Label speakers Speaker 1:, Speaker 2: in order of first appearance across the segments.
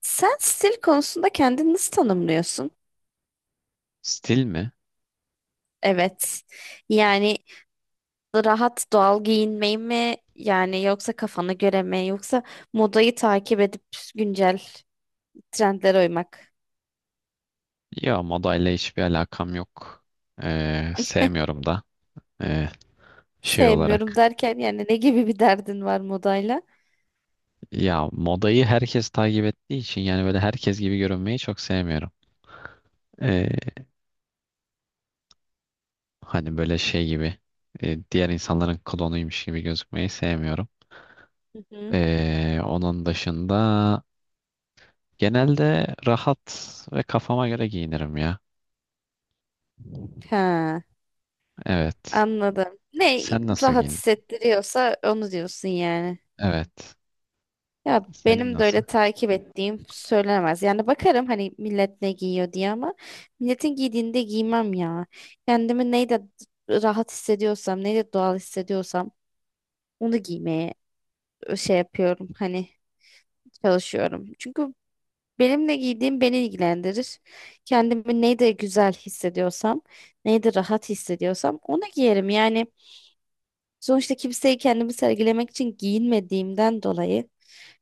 Speaker 1: Sen stil konusunda kendini nasıl tanımlıyorsun?
Speaker 2: Stil mi?
Speaker 1: Evet. Yani Rahat doğal giyinmeyi mi? Yani yoksa kafana göre mi? Yoksa modayı takip edip güncel trendlere uymak?
Speaker 2: Ya modayla hiçbir alakam yok. Sevmiyorum da. Ee, şey
Speaker 1: Sevmiyorum
Speaker 2: olarak.
Speaker 1: derken yani ne gibi bir derdin var modayla?
Speaker 2: Ya modayı herkes takip ettiği için yani böyle herkes gibi görünmeyi çok sevmiyorum. Ee, hani böyle şey gibi diğer insanların klonuymuş gibi gözükmeyi sevmiyorum.
Speaker 1: Hı hı.
Speaker 2: Onun dışında genelde rahat ve kafama göre giyinirim ya.
Speaker 1: Ha,
Speaker 2: Evet.
Speaker 1: anladım. Ne
Speaker 2: Sen nasıl
Speaker 1: rahat
Speaker 2: giyinirsin?
Speaker 1: hissettiriyorsa onu diyorsun yani.
Speaker 2: Evet.
Speaker 1: Ya
Speaker 2: Senin
Speaker 1: benim de
Speaker 2: nasıl?
Speaker 1: öyle takip ettiğim söylenemez. Yani bakarım hani millet ne giyiyor diye ama milletin giydiğinde giymem ya. Kendimi neyle rahat hissediyorsam, neyle doğal hissediyorsam onu giymeye şey yapıyorum. Hani çalışıyorum. Çünkü benim ne giydiğim beni ilgilendirir. Kendimi neyle güzel hissediyorsam, neyle rahat hissediyorsam onu giyerim. Yani sonuçta kimseyi kendimi sergilemek için giyinmediğimden dolayı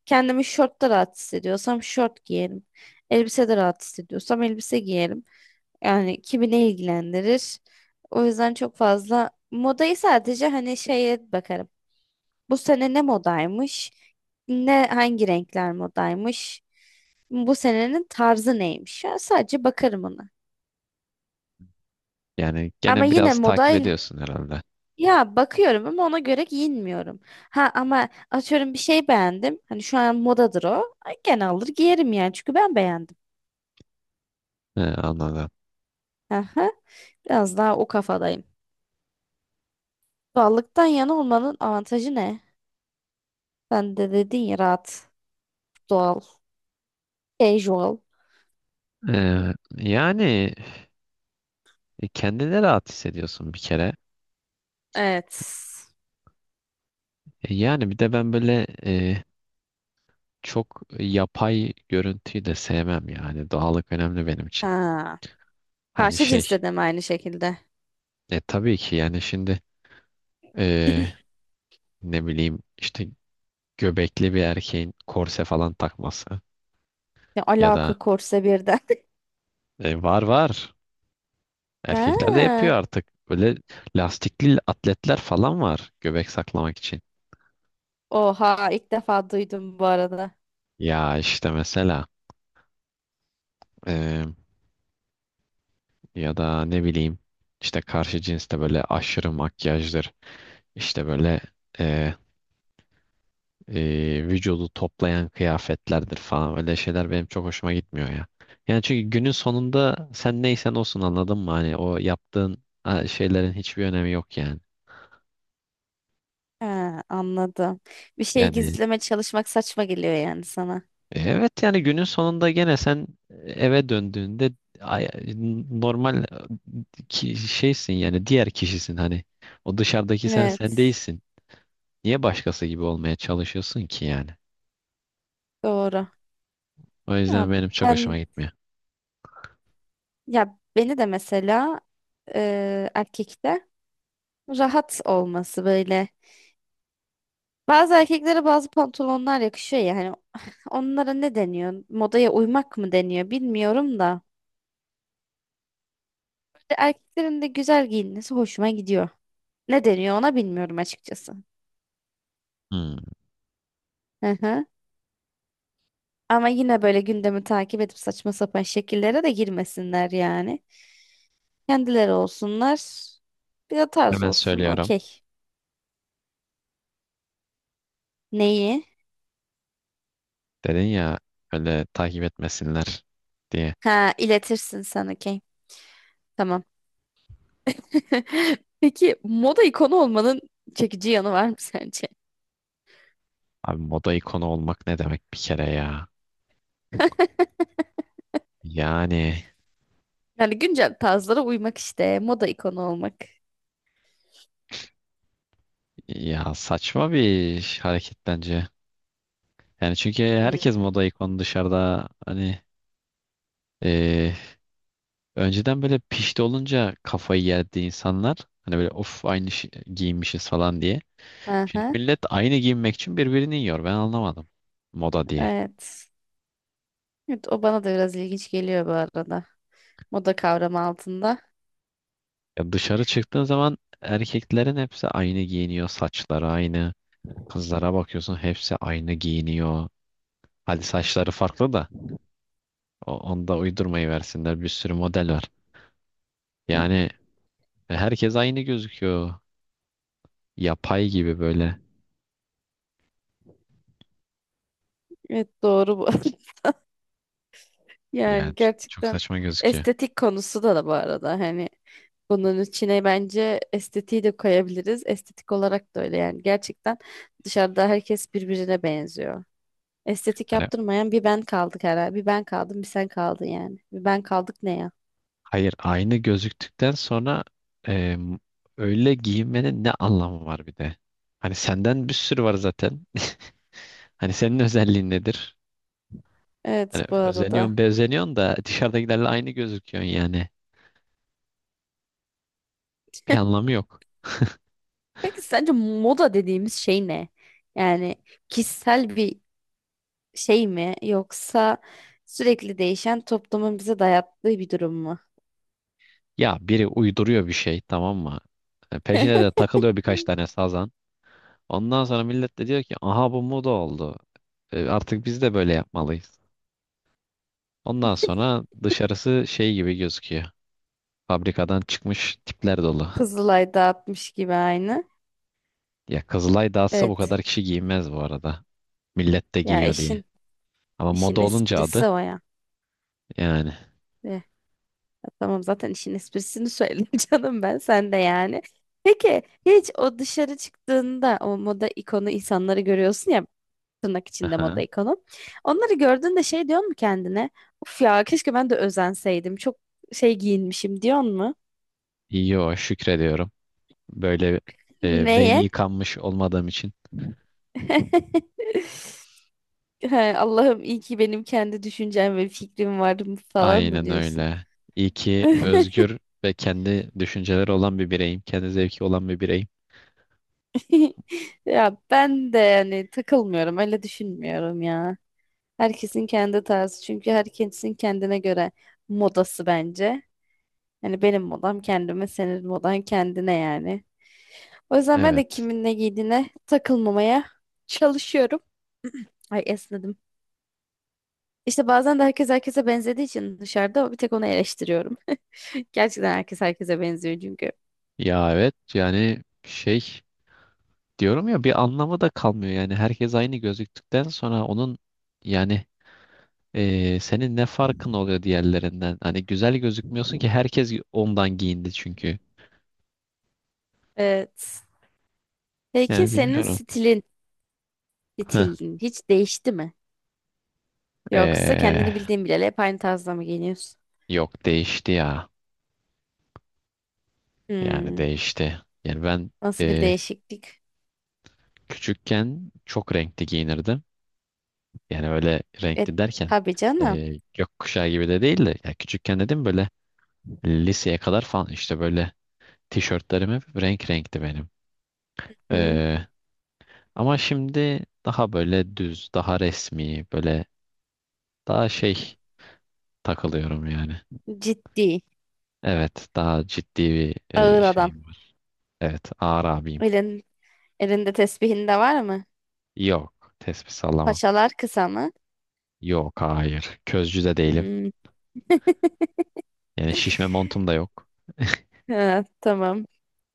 Speaker 1: kendimi şortta rahat hissediyorsam şort giyerim. Elbisede rahat hissediyorsam elbise giyerim. Yani kimi ne ilgilendirir? O yüzden çok fazla modayı sadece hani şeye bakarım. Bu sene ne modaymış? Ne hangi renkler modaymış? Bu senenin tarzı neymiş? Ya sadece bakarım ona.
Speaker 2: Yani
Speaker 1: Ama
Speaker 2: gene
Speaker 1: yine
Speaker 2: biraz takip
Speaker 1: modayla
Speaker 2: ediyorsun herhalde.
Speaker 1: ya bakıyorum ama ona göre giyinmiyorum. Ha ama atıyorum bir şey beğendim. Hani şu an modadır o. Ay, gene alır giyerim yani çünkü ben beğendim.
Speaker 2: He, anladım.
Speaker 1: Aha. Biraz daha o kafadayım. Doğallıktan yana olmanın avantajı ne? Ben de dedin ya rahat, doğal, casual.
Speaker 2: Yani kendine rahat hissediyorsun bir kere.
Speaker 1: Evet.
Speaker 2: E, yani bir de ben böyle çok yapay görüntüyü de sevmem yani. Doğallık önemli benim için.
Speaker 1: Ha.
Speaker 2: Hani
Speaker 1: Karşı
Speaker 2: şey,
Speaker 1: cinste de mi aynı şekilde?
Speaker 2: tabii ki yani şimdi e, ne bileyim işte göbekli bir erkeğin korse falan takması
Speaker 1: Ne
Speaker 2: ya
Speaker 1: alaka
Speaker 2: da
Speaker 1: korse birden.
Speaker 2: var erkekler de yapıyor
Speaker 1: Ha.
Speaker 2: artık. Böyle lastikli atletler falan var göbek saklamak için.
Speaker 1: Oha ilk defa duydum bu arada.
Speaker 2: Ya işte mesela. e, Ya da ne bileyim işte karşı cinste böyle aşırı makyajdır. İşte böyle e, vücudu toplayan kıyafetlerdir falan. Öyle şeyler benim çok hoşuma gitmiyor ya. Yani çünkü günün sonunda sen neysen olsun anladın mı? Hani o yaptığın ha, şeylerin hiçbir önemi yok yani.
Speaker 1: Ha, anladım. Bir şey
Speaker 2: Yani
Speaker 1: gizleme çalışmak saçma geliyor yani sana.
Speaker 2: evet yani günün sonunda gene sen eve döndüğünde ay- normal ki şeysin yani diğer kişisin hani. O dışarıdaki sen
Speaker 1: Evet,
Speaker 2: değilsin. Niye başkası gibi olmaya çalışıyorsun ki yani?
Speaker 1: doğru.
Speaker 2: O
Speaker 1: Ya
Speaker 2: yüzden benim çok
Speaker 1: ben
Speaker 2: hoşuma gitmiyor.
Speaker 1: ya beni de mesela erkekte rahat olması böyle bazı erkeklere bazı pantolonlar yakışıyor ya hani onlara ne deniyor? Modaya uymak mı deniyor bilmiyorum da. Bir de erkeklerin de güzel giyinmesi hoşuma gidiyor. Ne deniyor ona bilmiyorum açıkçası.
Speaker 2: Hmm.
Speaker 1: Hı hı. Ama yine böyle gündemi takip edip saçma sapan şekillere de girmesinler yani. Kendileri olsunlar. Bir de tarz
Speaker 2: Hemen
Speaker 1: olsun.
Speaker 2: söylüyorum.
Speaker 1: Okey. Neyi?
Speaker 2: Dedin ya öyle takip etmesinler diye.
Speaker 1: Ha iletirsin sen okey. Tamam. Peki moda ikonu olmanın çekici yanı var mı sence?
Speaker 2: Abi moda ikonu olmak ne demek bir kere ya? Yani
Speaker 1: Yani güncel tarzlara uymak işte. Moda ikonu olmak.
Speaker 2: ya saçma bir hareket bence. Yani çünkü
Speaker 1: Hmm.
Speaker 2: herkes moda ikonu dışarıda hani. Ee, önceden böyle pişti olunca kafayı yerdi insanlar. Hani böyle of aynı şey, giyinmişiz falan diye. Şimdi
Speaker 1: Aha,
Speaker 2: millet aynı giyinmek için birbirini yiyor. Ben anlamadım. Moda diye.
Speaker 1: evet. Evet, o bana da biraz ilginç geliyor bu arada. Moda kavramı altında.
Speaker 2: Ya dışarı çıktığın zaman erkeklerin hepsi aynı giyiniyor. Saçları aynı. Kızlara bakıyorsun hepsi aynı giyiniyor. Hadi saçları farklı da onu da uydurmayı versinler. Bir sürü model var. Yani herkes aynı gözüküyor. Yapay gibi böyle.
Speaker 1: Evet, doğru bu.
Speaker 2: Yani
Speaker 1: Yani
Speaker 2: çok
Speaker 1: gerçekten
Speaker 2: saçma gözüküyor.
Speaker 1: estetik konusu da da bu arada. Hani bunun içine bence estetiği de koyabiliriz. Estetik olarak da öyle yani. Gerçekten dışarıda herkes birbirine benziyor. Estetik
Speaker 2: Hani
Speaker 1: yaptırmayan bir ben kaldık herhalde. Bir ben kaldım, bir sen kaldın yani. Bir ben kaldık ne ya?
Speaker 2: hayır, aynı gözüktükten sonra em, öyle giyinmenin ne anlamı var bir de? Hani senden bir sürü var zaten. Hani senin özelliğin nedir?
Speaker 1: Evet
Speaker 2: Hani
Speaker 1: bu arada.
Speaker 2: özeniyorsun, bezeniyorsun da dışarıdakilerle aynı gözüküyorsun yani. Bir anlamı yok.
Speaker 1: Peki sence moda dediğimiz şey ne? Yani kişisel bir şey mi yoksa sürekli değişen toplumun bize dayattığı bir durum mu?
Speaker 2: Ya biri uyduruyor bir şey tamam mı? Peşine de takılıyor birkaç tane sazan. Ondan sonra millet de diyor ki aha bu moda oldu. Artık biz de böyle yapmalıyız. Ondan sonra dışarısı şey gibi gözüküyor. Fabrikadan çıkmış tipler dolu.
Speaker 1: Kızılay dağıtmış gibi aynı.
Speaker 2: Ya Kızılay dağıtsa bu
Speaker 1: Evet.
Speaker 2: kadar kişi giymez bu arada. Millet de
Speaker 1: Ya
Speaker 2: giyiyor diye.
Speaker 1: işin
Speaker 2: Ama moda
Speaker 1: işin
Speaker 2: olunca adı
Speaker 1: esprisi o ya.
Speaker 2: yani.
Speaker 1: Eh, ya tamam zaten işin esprisini söyledim canım ben sen de yani. Peki hiç o dışarı çıktığında o moda ikonu insanları görüyorsun ya tırnak içinde moda
Speaker 2: Aha.
Speaker 1: ikonu. Onları gördüğünde şey diyor mu kendine? Uf ya keşke ben de özenseydim. Çok şey giyinmişim diyor mu?
Speaker 2: Yo, şükrediyorum. Böyle beyni
Speaker 1: Neye?
Speaker 2: yıkanmış olmadığım için.
Speaker 1: He, Allah'ım iyi ki benim kendi düşüncem ve fikrim var mı falan mı
Speaker 2: Aynen
Speaker 1: diyorsun?
Speaker 2: öyle. İyi ki özgür ve kendi düşünceleri olan bir bireyim. Kendi zevki olan bir bireyim.
Speaker 1: Ya ben de yani takılmıyorum, öyle düşünmüyorum ya. Herkesin kendi tarzı çünkü herkesin kendine göre modası bence. Yani benim modam kendime, senin modan kendine yani. O yüzden ben de
Speaker 2: Evet.
Speaker 1: kimin ne giydiğine takılmamaya çalışıyorum. Ay esnedim. İşte bazen de herkes herkese benzediği için dışarıda bir tek onu eleştiriyorum. Gerçekten herkes herkese benziyor çünkü.
Speaker 2: Ya evet yani şey diyorum ya bir anlamı da kalmıyor. Yani herkes aynı gözüktükten sonra onun yani senin ne farkın oluyor diğerlerinden? Hani güzel gözükmüyorsun ki herkes ondan giyindi çünkü.
Speaker 1: Evet. Peki
Speaker 2: Yani
Speaker 1: senin
Speaker 2: bilmiyorum.
Speaker 1: stilin,
Speaker 2: Heh.
Speaker 1: stilin hiç değişti mi? Yoksa
Speaker 2: Ee,
Speaker 1: kendini bildiğin bileli hep aynı tarzda mı giyiniyorsun?
Speaker 2: yok değişti ya. Yani
Speaker 1: Hmm,
Speaker 2: değişti. Yani ben
Speaker 1: nasıl bir
Speaker 2: e,
Speaker 1: değişiklik?
Speaker 2: küçükken çok renkli giyinirdim. Yani öyle
Speaker 1: E,
Speaker 2: renkli derken
Speaker 1: tabii canım.
Speaker 2: gökkuşağı gibi de değil de ya küçükken dedim böyle liseye kadar falan işte böyle tişörtlerim hep renk renkti benim.
Speaker 1: Hı,
Speaker 2: Ee, ama şimdi daha böyle düz, daha resmi, böyle daha şey takılıyorum yani.
Speaker 1: ciddi.
Speaker 2: Evet, daha ciddi bir
Speaker 1: Ağır adam.
Speaker 2: şeyim var. Evet, ağır abiyim.
Speaker 1: Öyle elinde tesbihin de var mı?
Speaker 2: Yok, tespih sallamam.
Speaker 1: Paçalar kısa mı?
Speaker 2: Yok, hayır. Közcü de değilim.
Speaker 1: Hmm.
Speaker 2: Yani şişme montum da yok.
Speaker 1: Ha, tamam.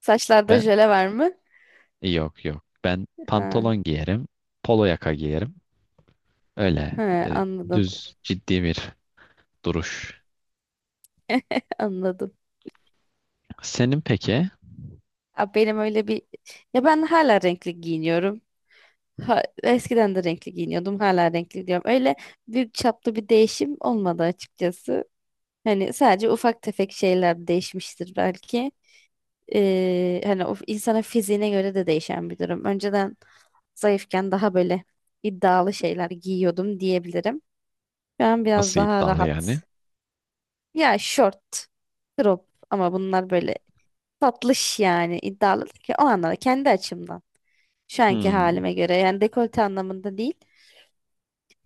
Speaker 1: Saçlarda
Speaker 2: Ben
Speaker 1: jöle var mı?
Speaker 2: yok yok. Ben
Speaker 1: Ha,
Speaker 2: pantolon giyerim, polo yaka giyerim. Öyle
Speaker 1: ha,
Speaker 2: e,
Speaker 1: anladım.
Speaker 2: düz ciddi bir duruş.
Speaker 1: Anladım.
Speaker 2: Senin peki
Speaker 1: Abi benim öyle bir... Ya ben hala renkli giyiniyorum. Ha, eskiden de renkli giyiniyordum. Hala renkli diyorum. Öyle büyük çaplı bir değişim olmadı açıkçası. Hani sadece ufak tefek şeyler değişmiştir belki. Hani o insana fiziğine göre de değişen bir durum. Önceden zayıfken daha böyle iddialı şeyler giyiyordum diyebilirim. Şu an biraz
Speaker 2: nasıl
Speaker 1: daha
Speaker 2: iddialı yani?
Speaker 1: rahat. Ya şort, crop ama bunlar böyle tatlış yani iddialı değil ki o anlamda kendi açımdan. Şu anki
Speaker 2: Hmm.
Speaker 1: halime göre yani dekolte anlamında değil.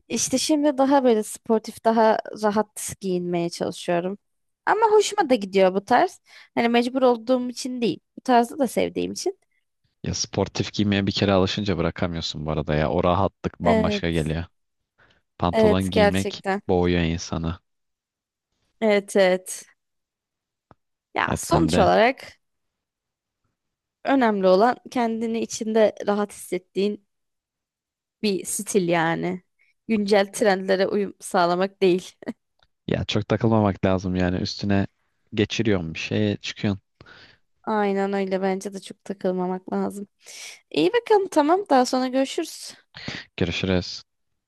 Speaker 1: İşte şimdi daha böyle sportif, daha rahat giyinmeye çalışıyorum. Ama hoşuma da gidiyor bu tarz. Hani mecbur olduğum için değil. Bu tarzı da sevdiğim için.
Speaker 2: Ya sportif giymeye bir kere alışınca bırakamıyorsun bu arada ya. O rahatlık bambaşka geliyor.
Speaker 1: Evet
Speaker 2: Pantolon giymek
Speaker 1: gerçekten.
Speaker 2: boğuyor insanı.
Speaker 1: Evet evet. Ya
Speaker 2: Evet ben
Speaker 1: sonuç
Speaker 2: de.
Speaker 1: olarak önemli olan kendini içinde rahat hissettiğin bir stil yani. Güncel trendlere uyum sağlamak değil.
Speaker 2: Ya çok takılmamak lazım yani üstüne geçiriyorsun bir şeye çıkıyorsun.
Speaker 1: Aynen öyle bence de çok takılmamak lazım. İyi bakalım tamam daha sonra görüşürüz.
Speaker 2: Görüşürüz.